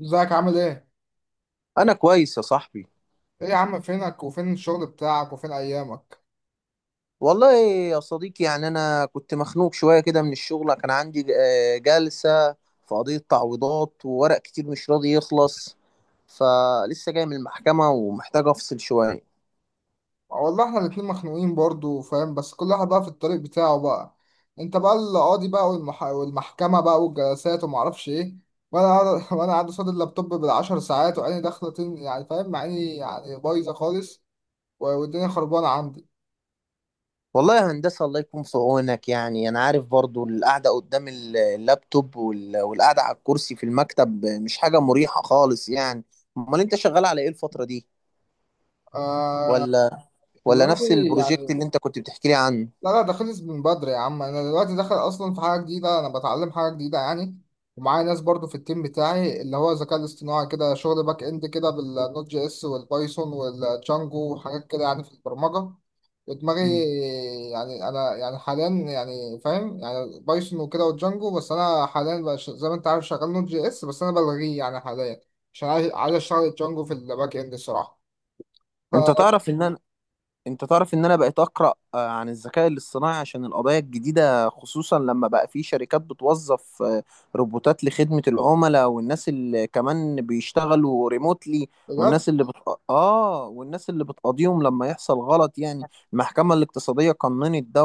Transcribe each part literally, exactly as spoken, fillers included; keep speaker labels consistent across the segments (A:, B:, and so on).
A: ازيك عامل ايه؟
B: انا كويس يا صاحبي.
A: ايه يا عم، فينك وفين الشغل بتاعك وفين ايامك؟
B: والله يا صديقي، يعني انا كنت مخنوق شويه كده من الشغل. كان عندي آه، جلسه في قضيه تعويضات وورق كتير مش راضي يخلص. فلسه جاي من المحكمه ومحتاج افصل شويه.
A: والله احنا الاتنين مخنوقين برضو فاهم، بس كل واحد بقى في الطريق بتاعه بقى. انت بقى القاضي بقى، والمح... والمحكمة بقى والجلسات ومعرفش ايه. وانا قاعد وانا قاعد قصاد اللابتوب بالعشر ساعات، وعيني داخلة تن... يعني فاهم، عيني يعني بايظة خالص. و- والدنيا خربانة عندي.
B: والله يا هندسه، الله يكون في عونك. يعني انا عارف برضو القعده قدام ال- اللابتوب وال- والقعده على الكرسي في المكتب مش حاجه مريحه خالص يعني. امال انت شغال على ايه الفتره دي؟
A: آه،
B: ولا ولا نفس
A: دلوقتي،
B: البروجكت
A: يعني،
B: اللي انت كنت بتحكي لي عنه؟
A: لا لا، ده خلص من بدري يا عم. انا دلوقتي داخل اصلا في حاجه جديده، انا بتعلم حاجه جديده يعني. ومعايا ناس برضو في التيم بتاعي، اللي هو الذكاء الاصطناعي كده، شغل باك اند كده بالنوت جي اس والبايثون والجانجو وحاجات كده يعني، في البرمجه. ودماغي،
B: مم.
A: يعني انا يعني حاليا يعني فاهم، يعني بايثون وكده والجانجو. بس انا حاليا بقى ش- زي ما انت عارف شغال نوت جي اس، بس انا بلغيه يعني حاليا، عشان عايز عايز اشتغل الجانجو في الباك اند الصراحه. ف-
B: انت تعرف ان انا انت تعرف ان انا بقيت اقرا آه، عن الذكاء الاصطناعي عشان القضايا الجديده، خصوصا لما بقى في شركات بتوظف آه، روبوتات لخدمه العملاء، والناس اللي كمان بيشتغلوا ريموتلي.
A: بجد،
B: والناس اللي بت... اه، والناس اللي بتقاضيهم لما يحصل غلط يعني. المحكمه الاقتصاديه قننت ده.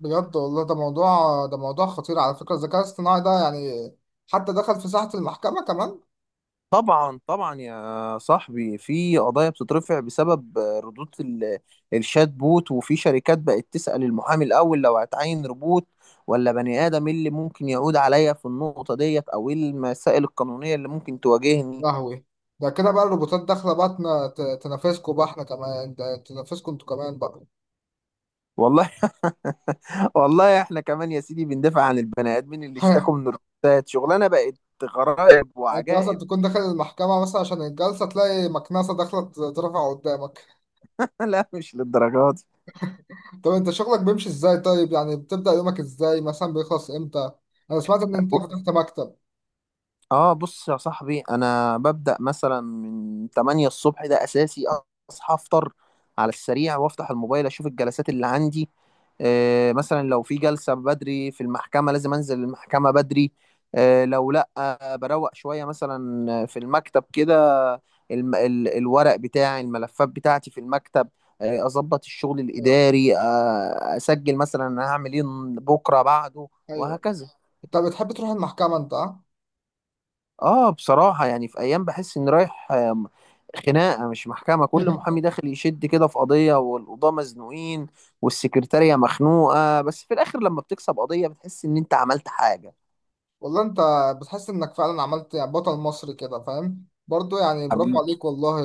A: بجد والله، ده موضوع ده موضوع خطير على فكرة. الذكاء الاصطناعي ده يعني حتى دخل في ساحة المحكمة كمان.
B: طبعا طبعا يا صاحبي، في قضايا بتترفع بسبب ردود ال- الشات بوت، وفي شركات بقت تسأل المحامي الأول لو هتعين روبوت ولا بني آدم، إيه اللي ممكن يعود عليا في النقطة ديت، أو إيه المسائل القانونية اللي ممكن تواجهني.
A: لهوي، ده كده بقى الروبوتات داخلة بقى تنا- ت- تنافسكوا بقى، احنا كمان، ده تنافسكوا انتوا كمان بقى.
B: والله والله إحنا كمان يا سيدي بندافع عن البني آدمين اللي
A: يعني
B: اشتكوا من الروبوتات. شغلانة بقت غرائب
A: انت مثلا
B: وعجائب.
A: تكون داخل المحكمة مثلا عشان الجلسة، تلاقي مكنسة داخلة ت- ترفع قدامك.
B: لا، مش للدرجات.
A: طب انت شغلك بيمشي ازاي؟ طيب، يعني بتبدأ يومك ازاي؟ مثلا بيخلص امتى؟ انا سمعت ان انت فتحت مكتب.
B: اه، بص يا صاحبي، انا ببدأ مثلا من تمانية الصبح، ده اساسي. اصحى افطر على السريع وافتح الموبايل، اشوف الجلسات اللي عندي. آه، مثلا لو في جلسة بدري في المحكمة لازم انزل المحكمة بدري. آه لو لا، آه بروق شوية مثلا في المكتب كده. الم ال الورق بتاعي، الملفات بتاعتي في المكتب. آه اظبط الشغل
A: ايوه.
B: الاداري، آه اسجل مثلا انا هعمل ايه بكرة بعده،
A: ايوه.
B: وهكذا.
A: انت بتحب تروح المحكمة انت، ها؟
B: اه، بصراحة يعني في ايام بحس اني رايح آم، خناقة مش محكمة. كل محامي داخل يشد كده في قضية، والقضاة مزنوقين، والسكرتارية مخنوقة، بس في الاخر لما بتكسب قضية بتحس ان انت عملت حاجة.
A: والله انت، بتحس انك فعلا عملت يعني بطل مصري كده، فاهم برضو، يعني برافو
B: حبيبي.
A: عليك والله.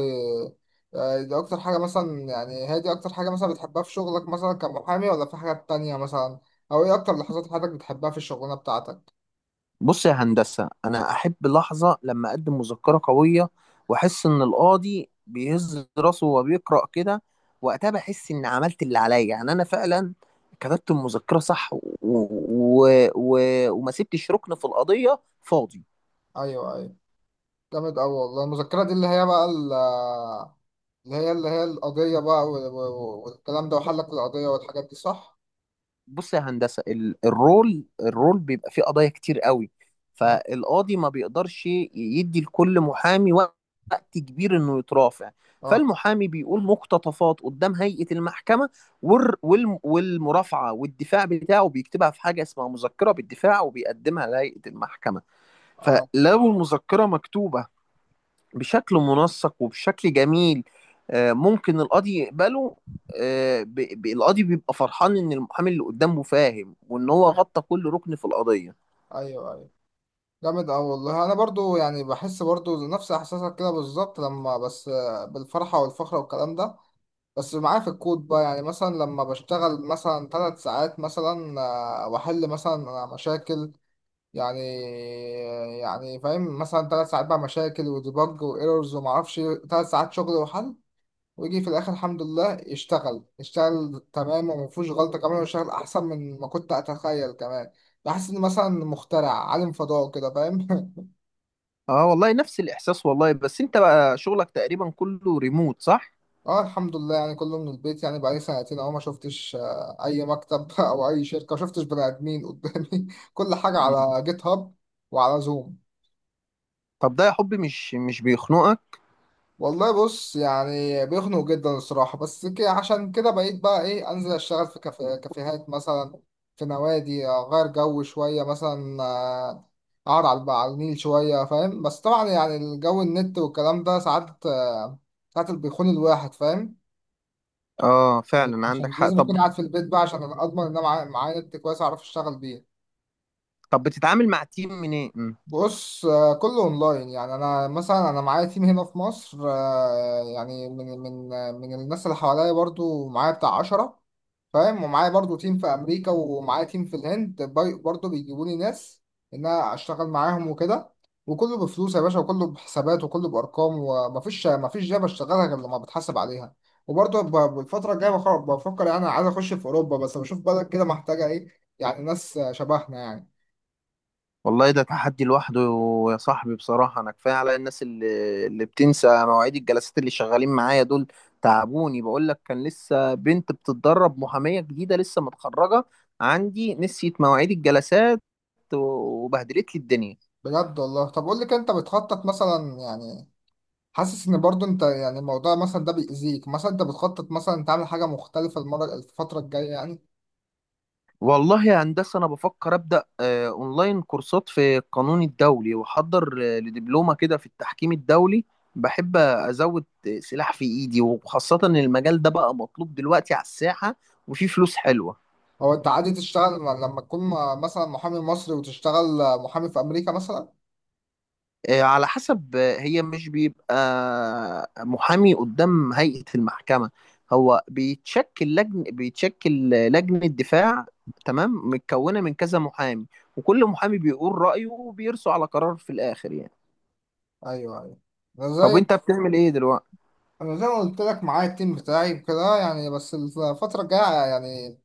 A: آه، دي اكتر حاجة مثلا، يعني هي دي اكتر حاجة مثلا بتحبها في شغلك مثلا كمحامي؟ ولا في حاجات تانية مثلا؟ او ايه اكتر لحظات حياتك بتحبها في الشغلانة بتاعتك؟
B: بص يا هندسة، انا احب لحظة لما اقدم مذكرة قوية واحس ان القاضي بيهز راسه وهو بيقرأ كده. وقتها بحس اني عملت اللي عليا، يعني انا فعلا كتبت المذكرة صح و... و... و... وما سبتش ركن في القضية فاضي.
A: ايوه. ايوه. جامد اوي والله. المذكرة دي اللي هي بقى ال- اللي هي اللي هي القضية بقى، وال- وال- والكلام ده، وحلك القضية والحاجات دي، صح.
B: بص يا هندسة، ال- الرول الرول بيبقى فيه قضايا كتير قوي،
A: اه.
B: فالقاضي ما بيقدرش يدي لكل محامي وقت كبير انه يترافع،
A: اه.
B: فالمحامي بيقول مقتطفات قدام هيئة المحكمة. والر- والم- والمرافعة والدفاع بتاعه بيكتبها في حاجة اسمها مذكرة بالدفاع، وبيقدمها لهيئة المحكمة.
A: اه.
B: فلو المذكرة مكتوبة بشكل منسق وبشكل جميل، آه، ممكن القاضي يقبله. آه، ب- ب- القاضي بيبقى فرحان ان المحامي اللي قدامه فاهم، وان هو غطى كل ركن في القضية.
A: ايوه. ايوه. جامد أوي والله. أنا برضو يعني بحس برضو نفس إحساسك كده بالظبط، لما بس بالفرحة والفخر والكلام ده. بس معايا في الكود بقى، يعني مثلا لما بشتغل مثلا ثلاث ساعات مثلا، آه، وأحل مثلا مشاكل يعني، يعني فاهم، مثلا ثلاث ساعات بقى مشاكل وديبج وإيرورز ومعرفش، ثلاث ساعات شغل وحل. ويجي في الآخر الحمد لله يشتغل، يشتغل تمام ومفيهوش غلطة كمان، ويشتغل أحسن من ما كنت أتخيل كمان. بحس إن مثلا مخترع عالم فضاء كده، فاهم.
B: اه، والله نفس الاحساس والله. بس انت بقى شغلك تقريبا كله ريموت، صح؟
A: اه الحمد لله، يعني كله من البيت يعني. بقالي سنتين اهو، ما شفتش آه، اي مكتب او اي شركه. ما شفتش بني ادمين قدامي كل حاجه
B: مم.
A: على جيت هاب وعلى زوم.
B: طب ده يا حبي مش مش بيخنقك؟
A: والله بص، يعني بيخنق جدا الصراحه، بس كده عشان كده بقيت بقى ايه، انزل اشتغل في كافي- كافيهات مثلا، في نوادي، اغير جو شويه مثلا، آه، اقعد على على النيل شويه فاهم. بس طبعا يعني الجو، النت والكلام ده ساعات، آه، ساعات بيخون الواحد فاهم.
B: اه فعلا عندك
A: عشان
B: حق.
A: لازم اكون
B: طب،
A: قاعد في البيت بقى، عشان اضمن ان انا معايا معايا نت كويس اعرف اشتغل بيه.
B: طب بتتعامل مع تيم منين؟
A: بص، آه، كله اونلاين يعني. انا مثلا انا معايا تيم هنا في مصر، آه، يعني من من من الناس اللي حواليا برضو، معايا بتاع عشرة فاهم. ومعايا برضو تيم في امريكا، ومعايا تيم في الهند باي- برضو بيجيبوا لي ناس ان انا اشتغل معاهم وكده. وكله بفلوس يا باشا، وكله بحسابات، وكله بارقام. ومفيش مفيش جاب اشتغلها غير لما بتحاسب عليها. وبرضو ب- بالفتره الجايه بخ- بفكر، يعني عايز اخش في اوروبا، بس بشوف بلد كده محتاجه ايه، يعني ناس شبهنا يعني.
B: والله ده تحدي لوحده يا صاحبي. بصراحة أنا كفاية على الناس اللي, اللي بتنسى مواعيد الجلسات، اللي شغالين معايا دول تعبوني. بقول لك، كان لسه بنت بتتدرب محامية جديدة لسه متخرجة عندي، نسيت مواعيد الجلسات وبهدلت لي الدنيا.
A: بجد والله. طب قول لي كده، انت بتخطط مثلا يعني، حاسس ان برضو انت يعني الموضوع مثلا ده بيأذيك مثلا، انت بتخطط مثلا تعمل حاجه مختلفه المره الفتره الجايه يعني؟
B: والله يا هندسة، أنا بفكر أبدأ آه، أونلاين كورسات في القانون الدولي، وأحضر آه، لدبلومة كده في التحكيم الدولي. بحب أزود سلاح في إيدي، وخاصة إن المجال ده بقى مطلوب دلوقتي على الساحة، وفي فلوس حلوة.
A: هو انت عادي تشتغل لما تكون م- مثلا محامي مصري وتشتغل محامي في امريكا مثلا؟
B: آه، على حسب. آه، هي مش بيبقى محامي قدام هيئة المحكمة. هو بيتشكل لجن بيتشكل لجنة دفاع تمام، متكونة من كذا محامي، وكل محامي بيقول رأيه، وبيرسوا على قرار في الآخر يعني.
A: ايوه. ايوه. انا
B: طب
A: زي
B: وانت بتعمل ايه دلوقتي؟
A: انا زي ما قلت لك، معايا التيم بتاعي وكده يعني. بس الفتره الجايه يعني،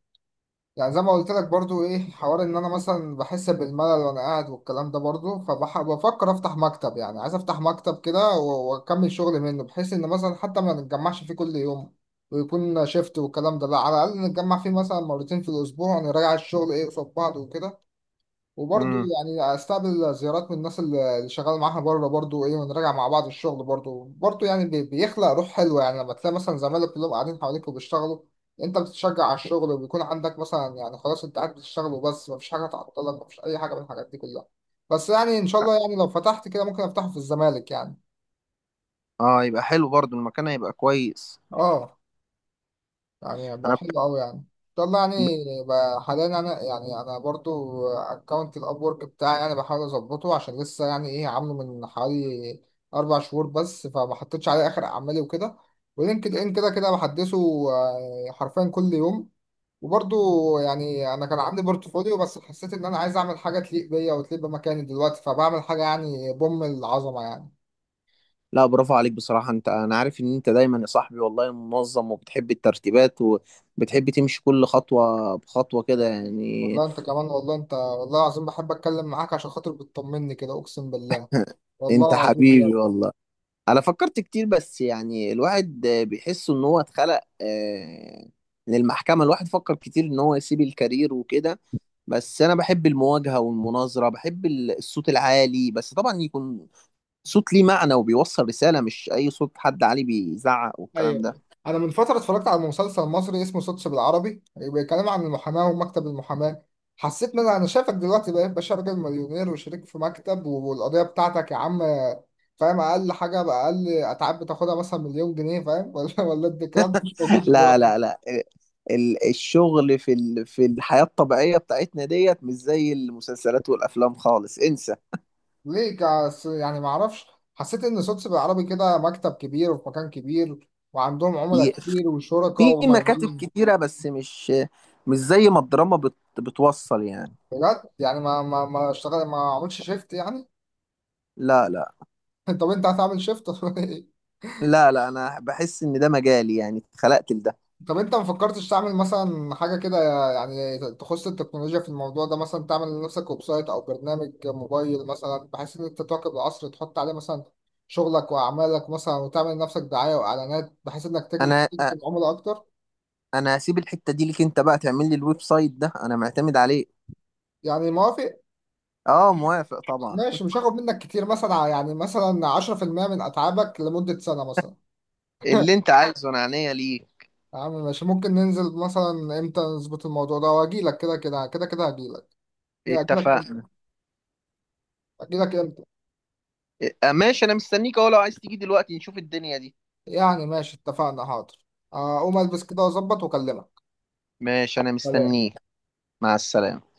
A: يعني زي ما قلت لك برضو، ايه، حوار ان انا مثلا بحس بالملل وانا قاعد والكلام ده برضو. فبفكر افتح مكتب، يعني عايز افتح مكتب كده و- واكمل شغل منه، بحيث ان مثلا حتى ما نتجمعش فيه كل يوم، ويكون شيفت والكلام ده، لا، على الاقل نتجمع فيه مثلا مرتين في الاسبوع، ونراجع الشغل ايه قصاد بعض وكده. وبرضه
B: امم.
A: يعني استقبل زيارات من الناس اللي اللي شغال معاها بره برضه، ايه، ونراجع مع بعض الشغل برضه برضه يعني، بي- بيخلق روح حلوه، يعني لما تلاقي مثلا زمايلك كلهم قاعدين حواليك وبيشتغلوا، انت بتتشجع على الشغل، وبيكون عندك مثلا يعني خلاص انت قاعد بتشتغل وبس، مفيش حاجه تعطلك، مفيش اي حاجه من الحاجات دي كلها. بس يعني ان شاء الله يعني لو فتحت كده، ممكن افتحه في الزمالك يعني.
B: اه، يبقى حلو برضو، المكان هيبقى كويس.
A: اه. يعني بقى
B: انا
A: حلو قوي يعني. طب ما
B: بحب...
A: يعني بقى، حاليا انا يعني، انا برضو اكونت الاب ورك بتاعي، يعني بحاول اظبطه عشان لسه، يعني ايه، عامله من حوالي اربع شهور بس، فما حطيتش عليه اخر اعمالي وكده. ولينكد ان كده كده بحدثه، آه، حرفيا كل يوم. وبرضو يعني انا كان عندي بورتفوليو، بس حسيت ان انا عايز اعمل حاجه تليق بيا وتليق بمكاني دلوقتي، فبعمل حاجه يعني بوم العظمه يعني.
B: لا برافو عليك بصراحة. انت، انا عارف ان انت دايما يا صاحبي والله منظم، وبتحب الترتيبات، وبتحب تمشي كل خطوة بخطوة كده يعني.
A: والله انت كمان، والله انت، والله العظيم بحب اتكلم معاك عشان خاطر بتطمني كده، اقسم بالله. والله
B: انت
A: العظيم.
B: حبيبي والله. انا فكرت كتير، بس يعني الواحد آه، بيحس ان هو اتخلق آه، للمحكمة. الواحد فكر كتير ان هو يسيب الكارير وكده، بس انا بحب المواجهة والمناظرة، بحب ال- الصوت العالي، بس طبعا يكون صوت ليه معنى وبيوصل رسالة، مش اي صوت حد عالي بيزعق والكلام ده.
A: ايوه. انا من فتره اتفرجت على مسلسل مصري اسمه سوتس بالعربي، بيتكلم عن المحاماه ومكتب المحاماه. حسيت ان انا أنا شايفك دلوقتي بقيت باشا، راجل مليونير وشريك في مكتب، والقضيه بتاعتك يا عم، فاهم، اقل حاجه باقل اتعاب بتاخدها مثلا مليون جنيه، فاهم. ولا ولا ده الكلام مش موجود
B: لا
A: دلوقتي؟
B: لا لا، ال- الشغل في ال- في الحياة الطبيعية بتاعتنا ديت مش زي المسلسلات والافلام خالص، انسى.
A: ليه كاس- يعني ما اعرفش. حسيت ان سوتس بالعربي كده مكتب كبير وفي مكان كبير وعندهم عملاء كتير وشركاء
B: في مكاتب
A: وملايين.
B: كتيرة، بس مش مش زي ما الدراما بت بتوصل يعني.
A: بجد؟ يعني ما ما ما اشتغل؟ ما عملش شيفت يعني؟
B: لا لا
A: طب انت هتعمل شيفت؟
B: لا، لا انا بحس ان ده مجالي يعني، اتخلقت لده.
A: طب انت ما فكرتش تعمل مثلا حاجه كده يعني تخص التكنولوجيا في الموضوع ده؟ مثلا تعمل لنفسك ويب سايت او برنامج موبايل مثلا، بحيث ان انت تواكب العصر، تحط عليه مثلا شغلك واعمالك مثلا، وتعمل لنفسك دعايه واعلانات بحيث انك تجذب
B: انا
A: تجذب
B: أ-
A: عملاء اكتر.
B: انا هسيب الحتة دي ليك انت بقى، تعمل لي الويب سايت ده، انا معتمد عليه.
A: يعني موافق؟
B: اه، موافق طبعا.
A: ماشي، مش هاخد منك كتير مثلا، يعني مثلا عشرة في المئة من اتعابك لمده سنه مثلا.
B: اللي انت عايزه انا عينيا ليك.
A: يا عم ماشي، ممكن ننزل مثلا امتى نظبط الموضوع ده، واجي لك كده كده كده كده هجي لك. اجي لك امتى
B: اتفقنا.
A: اجي لك امتى؟
B: إيه، ماشي انا مستنيك اهو، لو عايز تيجي دلوقتي نشوف الدنيا دي.
A: يعني ماشي اتفقنا. حاضر. اقوم البس كده واظبط واكلمك.
B: ماشي انا
A: سلام.
B: مستنيك. مع السلامة.